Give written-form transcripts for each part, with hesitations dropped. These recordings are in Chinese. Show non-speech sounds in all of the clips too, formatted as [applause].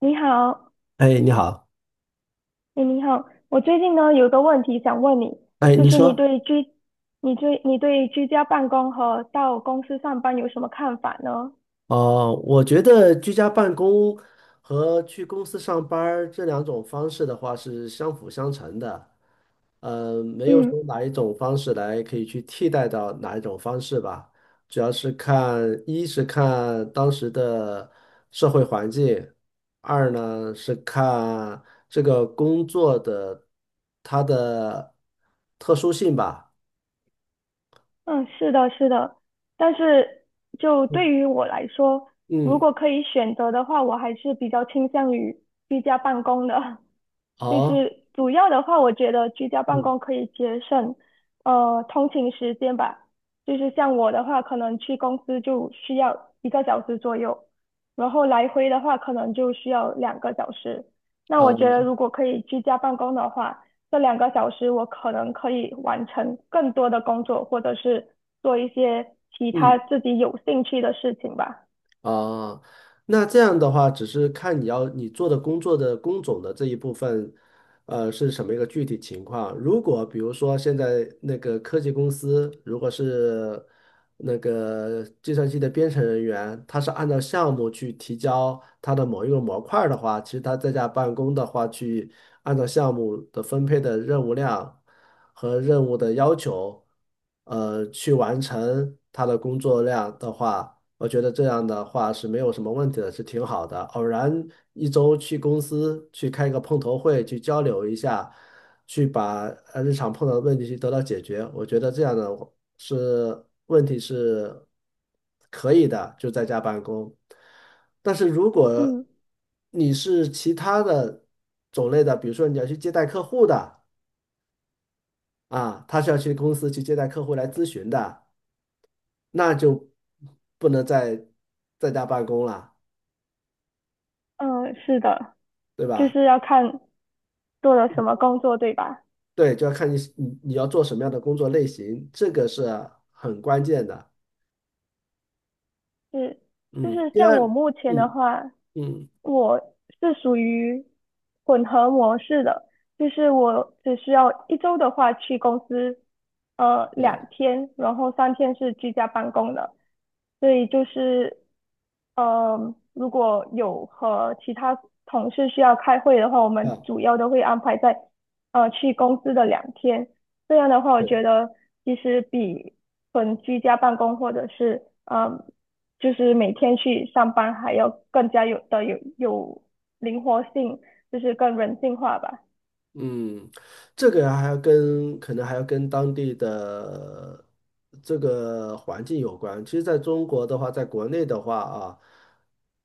你好。哎，你好。哎，你好，我最近呢有个问题想问你，哎，就你是你说。对居，你对居家办公和到公司上班有什么看法呢？哦，我觉得居家办公和去公司上班儿这两种方式的话是相辅相成的，没有嗯。说哪一种方式来可以去替代到哪一种方式吧，主要是看，一是看当时的社会环境，二呢是看这个工作的它的特殊性吧。嗯，是的，是的，但是就对于我来说，如嗯。果可以选择的话，我还是比较倾向于居家办公的。[laughs] 就好。是主要的话，我觉得居家办嗯。公可以节省，通勤时间吧。就是像我的话，可能去公司就需要1个小时左右，然后来回的话可能就需要两个小时。那啊。我觉得如果可以居家办公的话，这2个小时我可能可以完成更多的工作，或者是做一些其他嗯。自己有兴趣的事情吧。啊，那这样的话，只是看你要做的工作的工种的这一部分，是什么一个具体情况？如果比如说现在那个科技公司，如果是那个计算机的编程人员，他是按照项目去提交他的某一个模块儿的话，其实他在家办公的话，去按照项目的分配的任务量和任务的要求，去完成他的工作量的话，我觉得这样的话是没有什么问题的，是挺好的。偶然一周去公司去开一个碰头会，去交流一下，去把日常碰到的问题去得到解决。我觉得这样的是问题是可以的，就在家办公。但是如果嗯。你是其他的种类的，比如说你要去接待客户的啊，他是要去公司去接待客户来咨询的，那就不能再在家办公了。嗯，是的，对就吧？是要看做了什么工作，对吧？对，就要看你要做什么样的工作类型，这个是很关键的。是。就嗯，是第像二，我目前的嗯。话，嗯。我是属于混合模式的，就是我只需要1周的话去公司，嗯。两天，然后3天是居家办公的，所以就是，呃，如果有和其他同事需要开会的话，我们啊。主要都会安排在，去公司的两天。这样的话，我对。觉得其实比纯居家办公或者是就是每天去上班还要更加有的有有灵活性，就是更人性化吧。嗯，这个还要跟当地的这个环境有关。其实，在中国的话，在国内的话啊，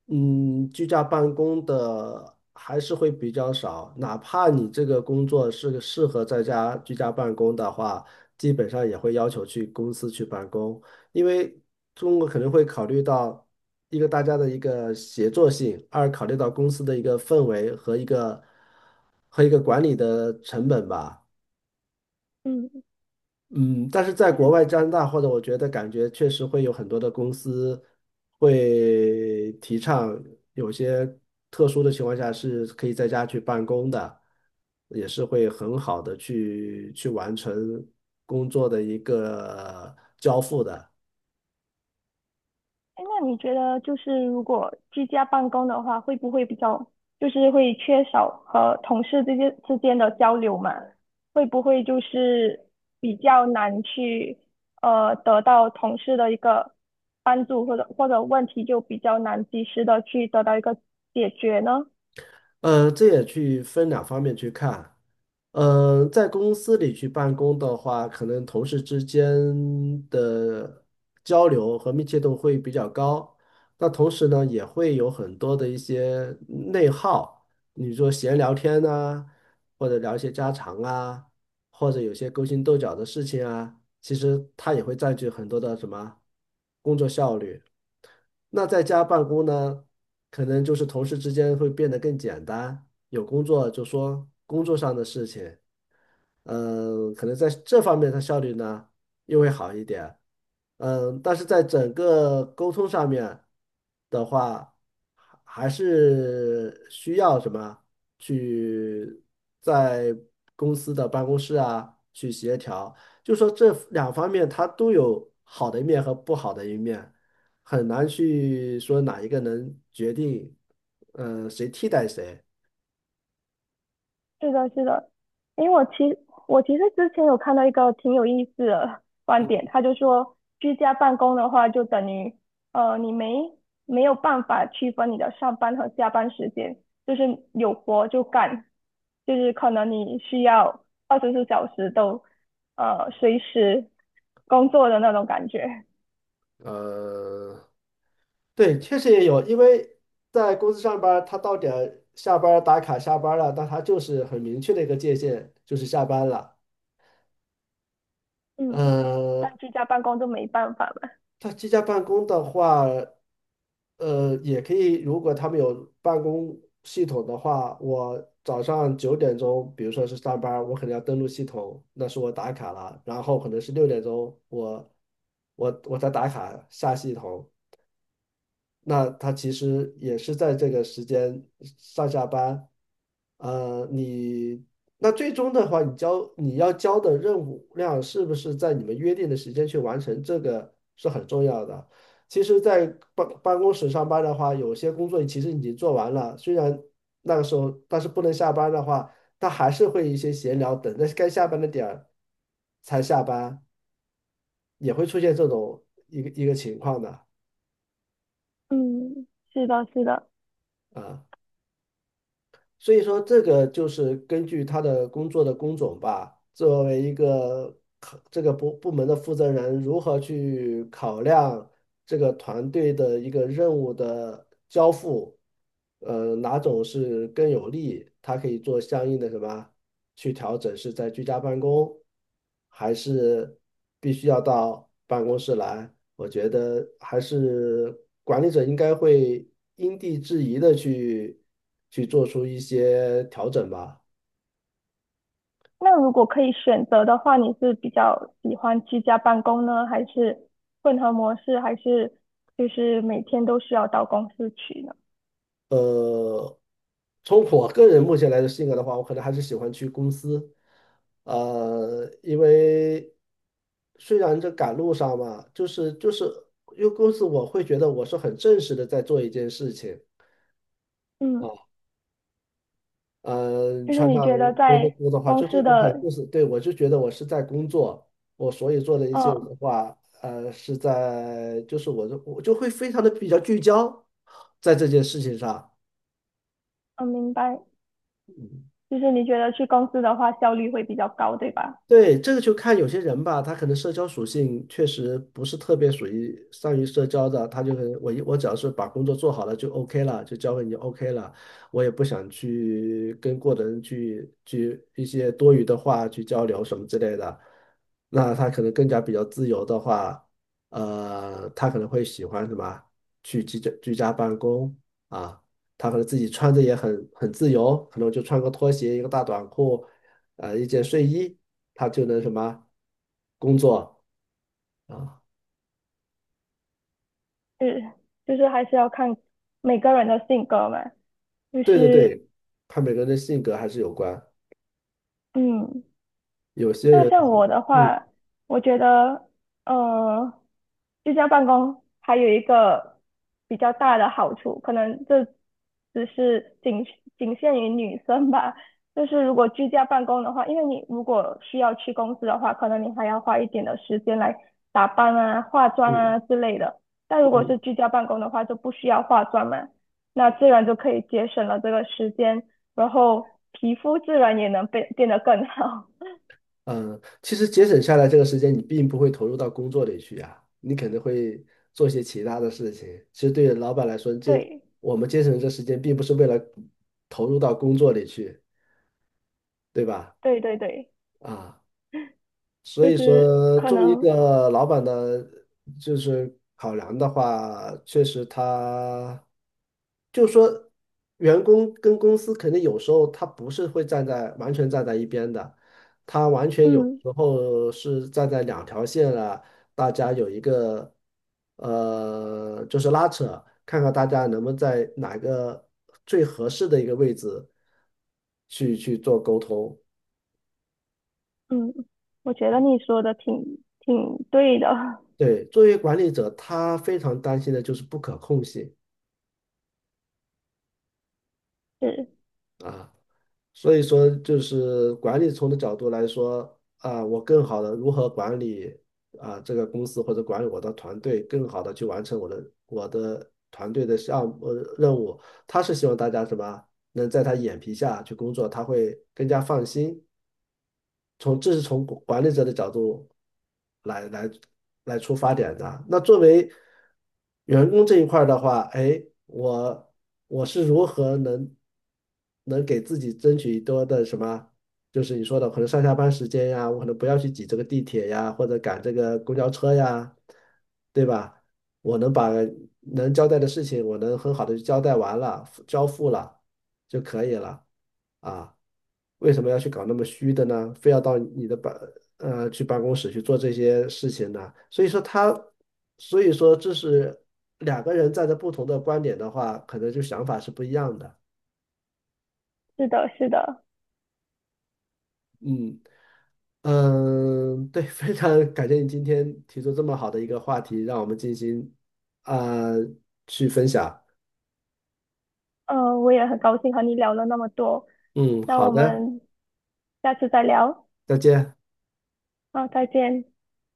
嗯，居家办公的还是会比较少。哪怕你这个工作是个适合在家居家办公的话，基本上也会要求去公司去办公，因为中国可能会考虑到一个大家的一个协作性，二考虑到公司的一个氛围和一个，和一个管理的成本吧。嗯，嗯，但是在是。国外加拿大或者我觉得感觉确实会有很多的公司会提倡有些特殊的情况下是可以在家去办公的，也是会很好的去完成工作的一个交付的。哎，那你觉得就是如果居家办公的话，会不会比较就是会缺少和同事之间的交流嘛？会不会就是比较难去得到同事的一个帮助，或者问题就比较难及时的去得到一个解决呢？这也去分两方面去看。在公司里去办公的话，可能同事之间的交流和密切度会比较高。那同时呢，也会有很多的一些内耗，你说闲聊天呐、或者聊一些家常啊，或者有些勾心斗角的事情啊，其实它也会占据很多的什么工作效率。那在家办公呢，可能就是同事之间会变得更简单，有工作就说工作上的事情，嗯，可能在这方面它效率呢又会好一点。嗯，但是在整个沟通上面的话，还是需要什么去在公司的办公室啊去协调，就说这两方面它都有好的一面和不好的一面。很难去说哪一个能决定，谁替代谁。是的，是的，因为我其实之前有看到一个挺有意思的观点，他就说居家办公的话，就等于你没有办法区分你的上班和下班时间，就是有活就干，就是可能你需要24小时都随时工作的那种感觉。呃，对，确实也有，因为在公司上班儿他到点儿下班儿打卡下班儿了，那他就是很明确的一个界限，就是下班了。嗯，嗯。但居家办公就没办法了。他居家办公的话，呃，也可以，如果他们有办公系统的话，我早上九点钟，比如说是上班儿我可能要登录系统，那是我打卡了，然后可能是六点钟，我在打卡下系统，那他其实也是在这个时间上下班。呃，你那最终的话，你交你要交的任务量是不是在你们约定的时间去完成，这个是很重要的。其实，在办公室上班的话，有些工作其实已经做完了，虽然那个时候，但是不能下班的话，他还是会一些闲聊，等着该下班的点儿才下班，也会出现这种一个情况的嗯，是的，是的。啊。所以说，这个就是根据他的工作的工种吧，作为一个考这个部门的负责人，如何去考量这个团队的一个任务的交付，哪种是更有利，他可以做相应的什么去调整，是在居家办公，还是必须要到办公室来？我觉得还是管理者应该会因地制宜的去做出一些调整吧。那如果可以选择的话，你是比较喜欢居家办公呢，还是混合模式，还是就是每天都需要到公司去呢？呃，从我个人目前来的性格的话，我可能还是喜欢去公司，因为虽然这赶路上嘛，就是因为公司我会觉得我是很正式的在做一件事情。嗯，啊。嗯，就是穿你上觉得工作在服的话，公就这司种很的。就是，对，我就觉得我是在工作，我所以做的一些嗯。的话，呃，是在就是我就会非常的比较聚焦在这件事情上。嗯，明白，就是你觉得去公司的话效率会比较高，对吧？对，这个就看有些人吧，他可能社交属性确实不是特别属于善于社交的，他就可能我只要是把工作做好了就 OK 了，就交给你 OK 了，我也不想去跟过的人去一些多余的话去交流什么之类的。那他可能更加比较自由的话，他可能会喜欢什么去居家办公啊，他可能自己穿着也很自由，可能就穿个拖鞋一个大短裤。啊，一件睡衣，他就能什么工作啊？是，就是还是要看每个人的性格嘛，就对对是对，他每个人的性格还是有关。嗯。有些那人，像我的嗯。话，我觉得，呃，居家办公还有一个比较大的好处，可能这只是仅仅限于女生吧。就是如果居家办公的话，因为你如果需要去公司的话，可能你还要花一点的时间来打扮啊、化妆嗯。啊之类的。但如果是嗯。居家办公的话，就不需要化妆嘛，那自然就可以节省了这个时间，然后皮肤自然也能变得更好。嗯。其实节省下来这个时间，你并不会投入到工作里去呀，你可能会做些其他的事情。其实对老板来说，[laughs] 这对。我们节省这时间，并不是为了投入到工作里去，对吧？对对对，啊。所就以是说，可作为一能，个老板的，就是考量的话，确实他，就说员工跟公司肯定有时候他不是会完全站在一边的，他完全有嗯。时候是站在两条线了，大家有一个就是拉扯，看看大家能不能在哪个最合适的一个位置去做沟通。嗯，我觉得你说的挺对的。对，作为管理者，他非常担心的就是不可控性 [laughs] 是。啊，所以说就是管理层的角度来说啊，我更好的如何管理啊这个公司或者管理我的团队，更好的去完成我的团队的项目任务。他是希望大家什么能在他眼皮下去工作，他会更加放心，从这是从管理者的角度来来来出发点的啊。那作为员工这一块儿的话，哎，我是如何能能给自己争取多的什么？就是你说的，可能上下班时间呀，我可能不要去挤这个地铁呀，或者赶这个公交车呀，对吧？我能把能交代的事情，我能很好的交代完了，交付了就可以了。啊，为什么要去搞那么虚的呢？非要到你的办呃去办公室去做这些事情呢？所以说他，所以说这是两个人站在不同的观点的话，可能就想法是不一样的。是的是的，嗯。嗯，对，非常感谢你今天提出这么好的一个话题，让我们进行啊、去分享。呃，我也很高兴和你聊了那么多，嗯，那好我的，们下次再聊，再见。好，再见。